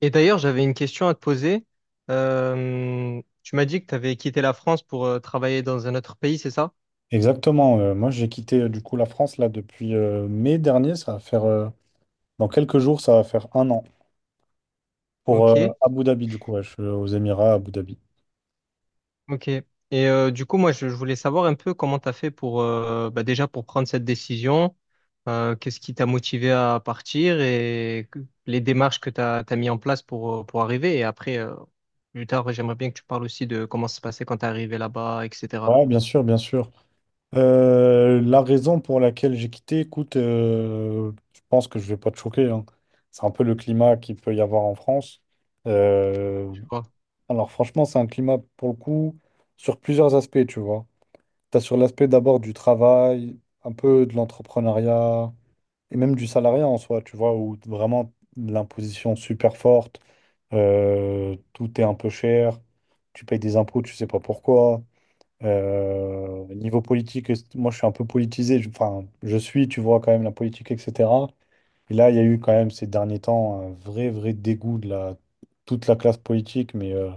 Et d'ailleurs, j'avais une question à te poser. Tu m'as dit que tu avais quitté la France pour travailler dans un autre pays, c'est ça? Exactement. Moi, j'ai quitté du coup la France là depuis mai dernier. Ça va faire dans quelques jours, ça va faire un an pour Ok, Abu Dhabi du coup. Ouais, je suis aux Émirats, à Abu Dhabi. ok. Et du coup, moi, je voulais savoir un peu comment tu as fait pour, bah, déjà pour prendre cette décision, qu'est-ce qui t'a motivé à partir les démarches que tu as, mis en place pour arriver. Et après, plus tard, j'aimerais bien que tu parles aussi de comment ça se passait quand tu es arrivé là-bas, etc. Ouais, bien sûr, bien sûr. La raison pour laquelle j'ai quitté, écoute, je pense que je vais pas te choquer, hein. C'est un peu le climat qu'il peut y avoir en France. Euh, Tu vois. alors franchement, c'est un climat pour le coup sur plusieurs aspects, tu vois. T'as sur l'aspect d'abord du travail, un peu de l'entrepreneuriat et même du salariat en soi, tu vois, où vraiment l'imposition super forte, tout est un peu cher, tu payes des impôts, tu sais pas pourquoi. Niveau politique, moi je suis un peu politisé, enfin je suis, tu vois quand même la politique, etc. Et là, il y a eu quand même ces derniers temps un vrai, vrai dégoût de la, toute la classe politique, mais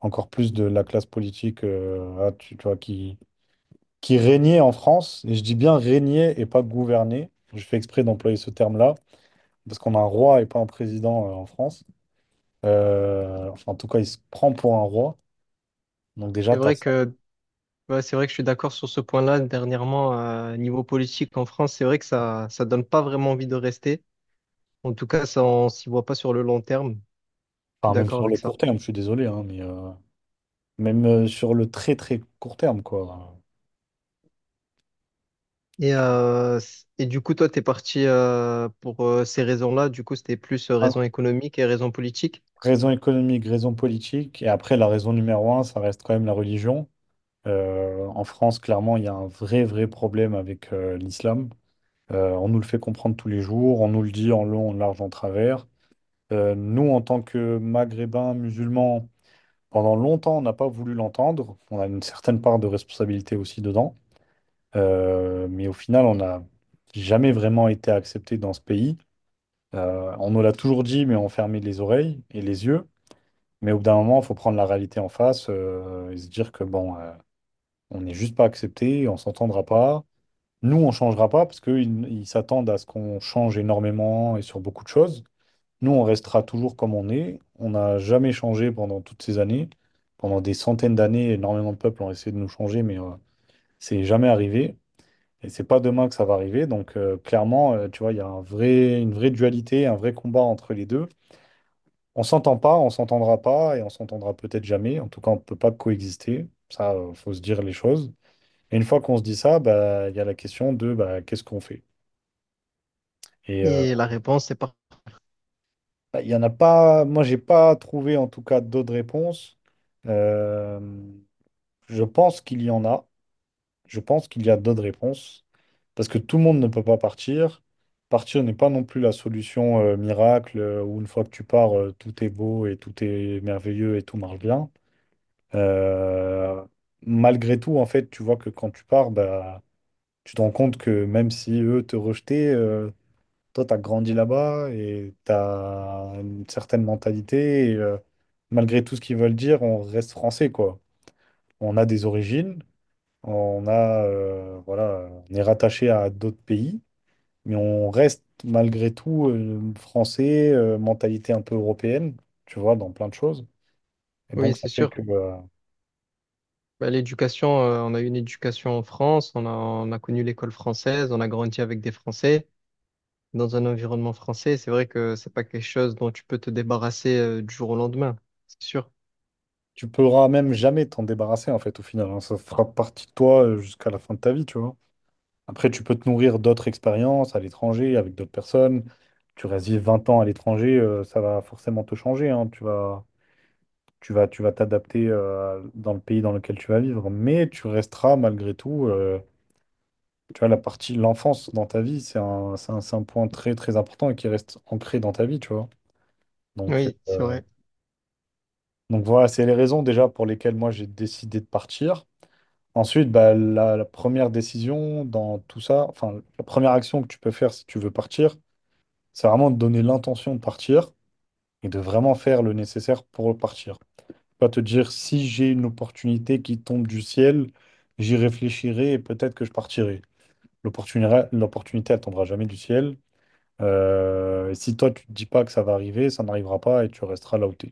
encore plus de la classe politique tu vois, qui régnait en France, et je dis bien régnait et pas gouvernait. Je fais exprès d'employer ce terme-là, parce qu'on a un roi et pas un président en France. Enfin, en tout cas, il se prend pour un roi. Donc déjà, C'est tu as vrai ça. que Ouais, c'est vrai que je suis d'accord sur ce point-là. Dernièrement, niveau politique en France, c'est vrai que ça donne pas vraiment envie de rester. En tout cas, ça, on s'y voit pas sur le long terme. Je suis Enfin, même d'accord sur le avec ça. court terme, je suis désolé, hein, mais, même sur le très très court terme, quoi. Et, et du coup, toi, t'es parti pour ces raisons-là. Du coup, c'était plus Ah, raison économique et raison politique. raison économique, raison politique, et après la raison numéro un, ça reste quand même la religion. En France, clairement, il y a un vrai vrai problème avec l'islam. On nous le fait comprendre tous les jours, on nous le dit en long, en large, en travers. Nous, en tant que Maghrébins musulmans, pendant longtemps, on n'a pas voulu l'entendre. On a une certaine part de responsabilité aussi dedans. Mais au final, on n'a jamais vraiment été accepté dans ce pays. On nous l'a toujours dit, mais on fermait les oreilles et les yeux. Mais au bout d'un moment, il faut prendre la réalité en face, et se dire que bon, on n'est juste pas accepté, on s'entendra pas. Nous, on changera pas parce qu'ils s'attendent à ce qu'on change énormément et sur beaucoup de choses. Nous, on restera toujours comme on est. On n'a jamais changé pendant toutes ces années. Pendant des centaines d'années, énormément de peuples ont essayé de nous changer, mais c'est jamais arrivé. Et c'est pas demain que ça va arriver. Donc, clairement, tu vois, il y a un vrai, une vraie dualité, un vrai combat entre les deux. On s'entend pas, on s'entendra pas et on s'entendra peut-être jamais. En tout cas, on ne peut pas coexister. Ça, faut se dire les choses. Et une fois qu'on se dit ça, bah, il y a la question de bah, qu'est-ce qu'on fait? Et Et la réponse, c'est pas. bah, il y en a pas. Moi, j'ai pas trouvé en tout cas d'autres réponses. Euh, je pense qu'il y en a. Je pense qu'il y a d'autres réponses parce que tout le monde ne peut pas partir. Partir n'est pas non plus la solution miracle, où une fois que tu pars, tout est beau et tout est merveilleux et tout marche bien. Euh, Malgré tout, en fait, tu vois que quand tu pars, bah, tu te rends compte que même si eux te rejetaient, toi, tu as grandi là-bas et tu as une certaine mentalité. Et, malgré tout ce qu'ils veulent dire, on reste français, quoi. On a des origines, on a, voilà, on est rattaché à d'autres pays, mais on reste malgré tout français, mentalité un peu européenne, tu vois, dans plein de choses. Et Oui, donc, ça c'est fait sûr. que. Bah, l'éducation, on a eu une éducation en France. On a connu l'école française. On a grandi avec des Français. Dans un environnement français, c'est vrai que c'est pas quelque chose dont tu peux te débarrasser du jour au lendemain, c'est sûr. Tu pourras même jamais t'en débarrasser, en fait, au final, hein. Ça fera partie de toi jusqu'à la fin de ta vie, tu vois. Après, tu peux te nourrir d'autres expériences à l'étranger, avec d'autres personnes. Tu restes vivre 20 ans à l'étranger, ça va forcément te changer, hein. Tu vas t'adapter, dans le pays dans lequel tu vas vivre. Mais tu resteras, malgré tout, tu vois, la partie, l'enfance dans ta vie, c'est un point très, très important et qui reste ancré dans ta vie, tu vois. Donc, Oui, c'est vrai. Voilà, c'est les raisons déjà pour lesquelles moi j'ai décidé de partir. Ensuite, bah, la première décision dans tout ça, enfin, la première action que tu peux faire si tu veux partir, c'est vraiment de donner l'intention de partir et de vraiment faire le nécessaire pour partir. Pas te dire si j'ai une opportunité qui tombe du ciel, j'y réfléchirai et peut-être que je partirai. L'opportunité, l'opportunité, elle tombera jamais du ciel. Et si toi, tu te dis pas que ça va arriver, ça n'arrivera pas et tu resteras là où t'es.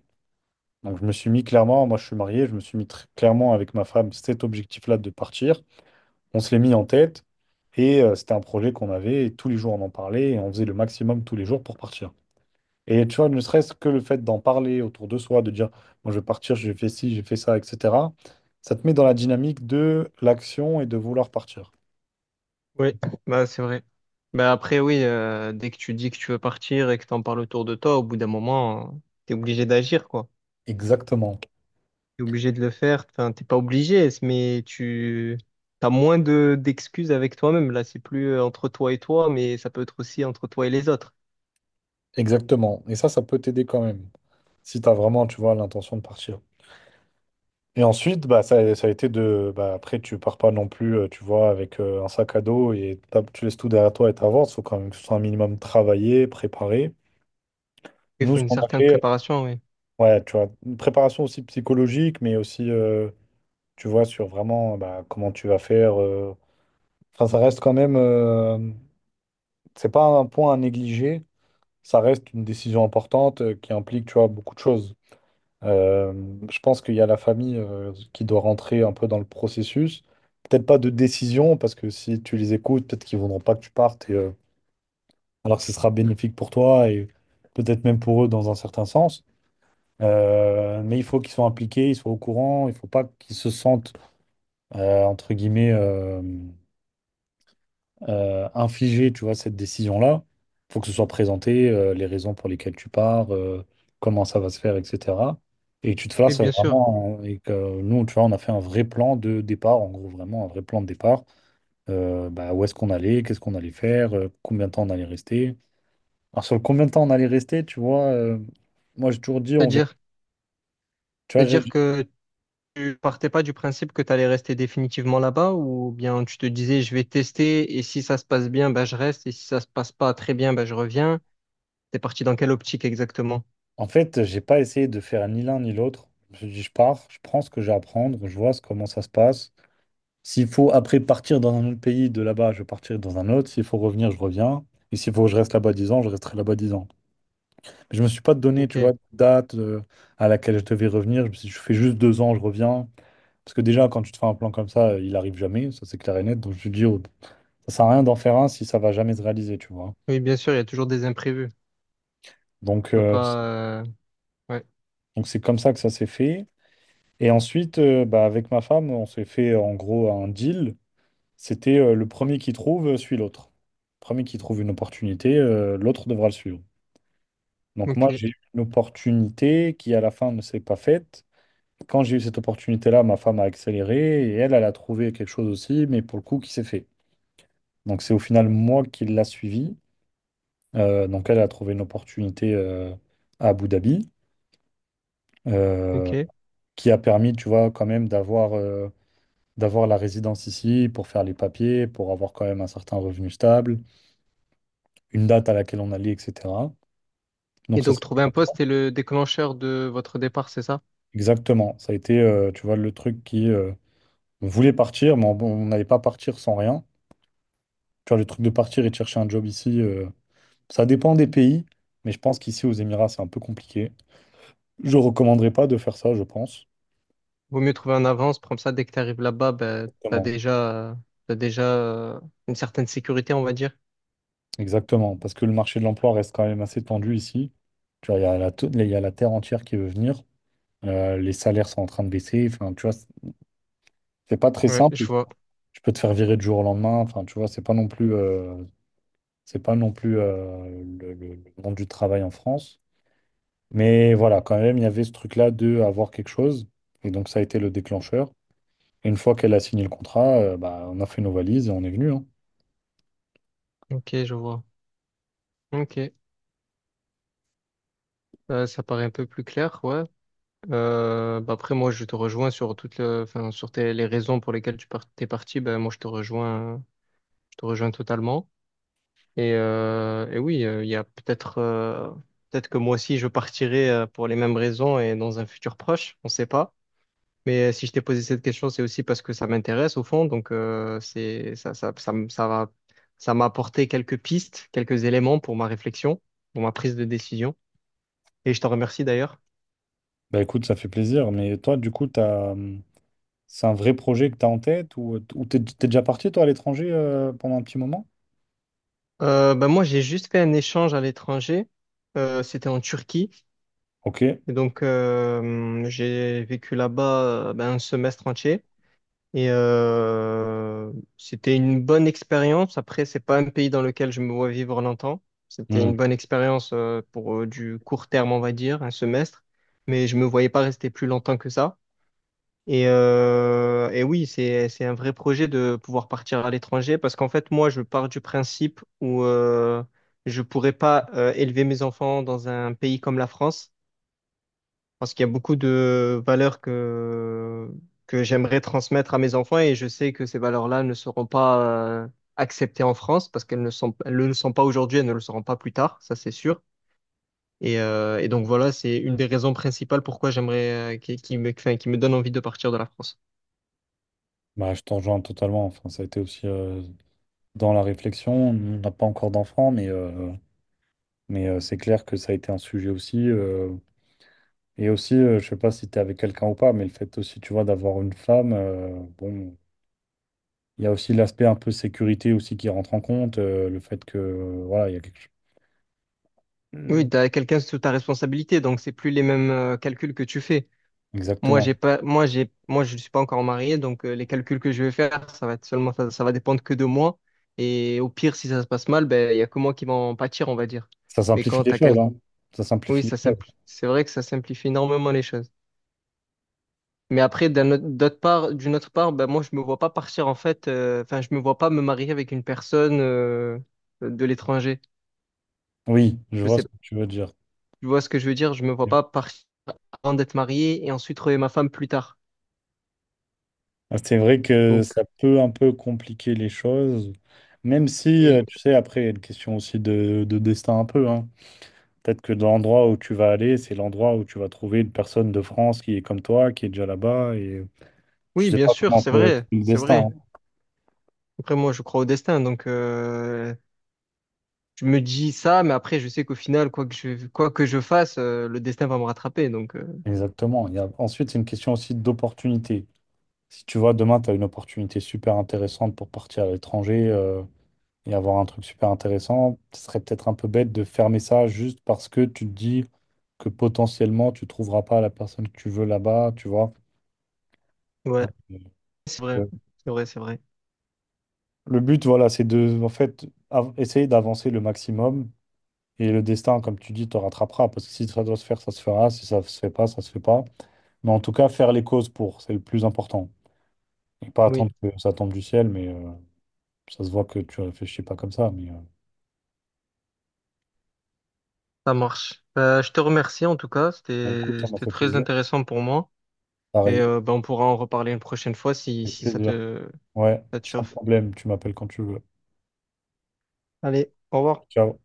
Donc, je me suis mis clairement, moi je suis marié, je me suis mis très clairement avec ma femme cet objectif-là de partir. On se l'est mis en tête et c'était un projet qu'on avait et tous les jours on en parlait et on faisait le maximum tous les jours pour partir. Et tu vois, ne serait-ce que le fait d'en parler autour de soi, de dire, moi je vais partir, j'ai fait ci, j'ai fait ça, etc., ça te met dans la dynamique de l'action et de vouloir partir. Oui, bah c'est vrai. Bah après, oui, dès que tu dis que tu veux partir et que t'en parles autour de toi, au bout d'un moment, t'es obligé d'agir, quoi. Exactement, T'es obligé de le faire. Enfin, t'es pas obligé, mais tu t'as moins de d'excuses avec toi-même. Là, c'est plus entre toi et toi, mais ça peut être aussi entre toi et les autres. exactement. Et ça peut t'aider quand même, si tu as vraiment, tu vois, l'intention de partir. Et ensuite, bah, ça a été de. Bah, après, tu pars pas non plus, tu vois, avec un sac à dos et tu laisses tout derrière toi et t'avances. Il faut quand même que ce soit un minimum travaillé, préparé. Il Nous, faut ce une qu'on a certaine fait, préparation, oui. ouais, tu vois, une préparation aussi psychologique, mais aussi, tu vois, sur vraiment bah, comment tu vas faire. Enfin, ça reste quand même. C'est pas un point à négliger. Ça reste une décision importante, qui implique, tu vois, beaucoup de choses. Euh, je pense qu'il y a la famille qui doit rentrer un peu dans le processus. Peut-être pas de décision, parce que si tu les écoutes, peut-être qu'ils voudront pas que tu partes, et, alors que ce sera bénéfique pour toi et peut-être même pour eux dans un certain sens. Mais il faut qu'ils soient impliqués, ils soient au courant, il faut pas qu'ils se sentent, entre guillemets, infliger, tu vois, cette décision-là. Il faut que ce soit présenté, les raisons pour lesquelles tu pars, comment ça va se faire, etc. Et que tu te Oui, fasses bien sûr. vraiment, et que nous, tu vois, on a fait un vrai plan de départ, en gros, vraiment un vrai plan de départ. Bah, où est-ce qu'on allait, qu'est-ce qu'on allait faire, combien de temps on allait rester. Alors, sur le combien de temps on allait rester, tu vois, moi, j'ai toujours dit, on verra. C'est-à-dire, Tu vois, c'est-à-dire que tu partais pas du principe que tu allais rester définitivement là-bas ou bien tu te disais je vais tester et si ça se passe bien, ben je reste et si ça se passe pas très bien, ben je reviens. T'es parti dans quelle optique exactement? en fait, j'ai pas essayé de faire ni l'un ni l'autre. Je me suis dit, je pars, je prends ce que j'ai à prendre, je vois comment ça se passe. S'il faut après partir dans un autre pays, de là-bas, je partirai dans un autre. S'il faut revenir, je reviens. Et s'il faut que je reste là-bas 10 ans, je resterai là-bas 10 ans. Mais je ne me suis pas donné, tu vois, Ok. de date, à laquelle je devais revenir. Je me suis dit, je fais juste 2 ans, je reviens. Parce que déjà, quand tu te fais un plan comme ça, il arrive jamais, ça c'est clair et net. Donc je me dis, oh, ça sert à rien d'en faire un si ça va jamais se réaliser, tu vois. Oui, bien sûr, il y a toujours des imprévus. Tu Donc peux pas. Ouais. C'est comme ça que ça s'est fait. Et ensuite, bah, avec ma femme, on s'est fait en gros un deal. C'était le premier qui trouve suit l'autre. Le premier qui trouve une opportunité, l'autre devra le suivre. Donc moi, Ok. j'ai eu une opportunité qui, à la fin, ne s'est pas faite. Quand j'ai eu cette opportunité-là, ma femme a accéléré et elle, elle a trouvé quelque chose aussi, mais pour le coup, qui s'est fait. Donc c'est au final moi qui l'a suivi. Donc elle a trouvé une opportunité à Abu Dhabi, euh, Ok. qui a permis, tu vois, quand même d'avoir la résidence ici pour faire les papiers, pour avoir quand même un certain revenu stable. Une date à laquelle on allait, etc. Et Donc ça, donc c'est- trouver un poste est le déclencheur de votre départ, c'est ça? exactement, ça a été, tu vois, le truc qui on voulait partir, mais on n'allait pas partir sans rien. Tu vois, le truc de partir et de chercher un job ici, ça dépend des pays, mais je pense qu'ici aux Émirats, c'est un peu compliqué. Je recommanderais pas de faire ça, je pense. Vaut mieux trouver en avance, comme ça, dès que tu arrives là-bas, ben Exactement, t'as déjà une certaine sécurité, on va dire. exactement, parce que le marché de l'emploi reste quand même assez tendu ici. Tu vois, il y a la, il y a la terre entière qui veut venir. Les salaires sont en train de baisser. Enfin, tu vois, c'est pas très Ouais, simple. je vois. Tu peux te faire virer du jour au lendemain. Enfin, tu vois, c'est pas non plus le, le monde du travail en France. Mais voilà, quand même, il y avait ce truc-là de avoir quelque chose. Et donc, ça a été le déclencheur. Et une fois qu'elle a signé le contrat, bah, on a fait nos valises et on est venu, hein. Ok, je vois. Ok. Ça paraît un peu plus clair, ouais. Bah après, moi, je te rejoins sur toutes le- enfin, les raisons pour lesquelles t'es parti. Bah, moi, je te rejoins totalement. Et oui, il y a peut-être peut-être que moi aussi, je partirai pour les mêmes raisons et dans un futur proche, on ne sait pas. Mais si je t'ai posé cette question, c'est aussi parce que ça m'intéresse au fond. Donc, c'est, ça, m- ça va, ça m'a apporté quelques pistes, quelques éléments pour ma réflexion, pour ma prise de décision. Et je t'en remercie d'ailleurs. Bah écoute, ça fait plaisir. Mais toi, du coup, t'as c'est un vrai projet que tu as en tête ou ou t'es déjà parti, toi, à l'étranger pendant un petit moment? Bah, moi, j'ai juste fait un échange à l'étranger. C'était en Turquie. Ok. Et donc, j'ai vécu là-bas ben, un semestre entier. Et c'était une bonne expérience. Après, c'est pas un pays dans lequel je me vois vivre longtemps. C'était Hmm. une bonne expérience pour du court terme, on va dire, un semestre. Mais je me voyais pas rester plus longtemps que ça. Et oui, c'est un vrai projet de pouvoir partir à l'étranger parce qu'en fait, moi, je pars du principe où je pourrais pas élever mes enfants dans un pays comme la France parce qu'il y a beaucoup de valeurs que j'aimerais transmettre à mes enfants et je sais que ces valeurs-là ne seront pas euh, acceptées en France parce qu'elles ne le sont pas aujourd'hui, elles ne le seront pas plus tard, ça c'est sûr. Et donc voilà, c'est une des raisons principales pourquoi j'aimerais, qui me, enfin, qui me donne envie de partir de la France. Bah, je t'en rejoins totalement. Enfin, ça a été aussi dans la réflexion. On n'a pas encore d'enfants, mais c'est clair que ça a été un sujet aussi. Et aussi, je sais pas si tu es avec quelqu'un ou pas, mais le fait aussi, tu vois, d'avoir une femme, bon, il y a aussi l'aspect un peu sécurité aussi qui rentre en compte, le fait que, voilà, il y a quelque chose. Oui, Mm. tu as quelqu'un sous ta responsabilité, donc c'est plus les mêmes calculs que tu fais. Moi, Exactement. j'ai pas, moi, j'ai, moi, je ne suis pas encore marié, donc les calculs que je vais faire, ça va être seulement, ça va dépendre que de moi. Et au pire, si ça se passe mal, ben, il y a que moi qui vais en pâtir, on va dire. Ça Mais simplifie quand les t'as choses, quel... hein. Ça oui, simplifie les choses. C'est vrai que ça simplifie énormément les choses. Mais après, d'autre part, d'une autre part, ben, moi, je me vois pas partir, en fait, enfin, je me vois pas me marier avec une personne de l'étranger. Oui, je Je vois ce sais. que tu veux dire. Tu vois ce que je veux dire? Je me vois pas partir avant d'être marié et ensuite trouver ma femme plus tard. Ah, c'est vrai que Donc, ça peut un peu compliquer les choses, même si, oui. tu sais, après, il y a une question aussi de destin un peu, hein. Peut-être que dans l'endroit où tu vas aller, c'est l'endroit où tu vas trouver une personne de France qui est comme toi, qui est déjà là-bas, et. Je Oui, sais bien pas sûr, comment c'est on peut être vrai, le c'est destin, vrai. hein. Après, moi, je crois au destin, donc je me dis ça, mais après, je sais qu'au final, quoi que je fasse, le destin va me rattraper. Donc, Exactement. Il y a... Ensuite, c'est une question aussi d'opportunité. Si tu vois, demain, tu as une opportunité super intéressante pour partir à l'étranger et avoir un truc super intéressant, ce serait peut-être un peu bête de fermer ça juste parce que tu te dis que potentiellement, tu trouveras pas la personne que tu veux là-bas, tu vois. ouais, c'est vrai, Euh, c'est vrai, c'est vrai. Le but, voilà, c'est de, en fait, essayer d'avancer le maximum. Et le destin, comme tu dis, te rattrapera. Parce que si ça doit se faire, ça se fera. Si ça se fait pas, ça se fait pas. Mais en tout cas, faire les causes pour, c'est le plus important. Et pas Oui, attendre que ça tombe du ciel, ça se voit que tu réfléchis pas comme ça. Ça marche. Je te remercie en tout cas, Bah, écoute, ça m'a c'était fait très plaisir. intéressant pour moi. Et Pareil, ben, on pourra en reparler une prochaine fois avec si plaisir. Ouais, ça te sans chauffe. problème, tu m'appelles quand tu veux. Allez, au revoir. Ciao.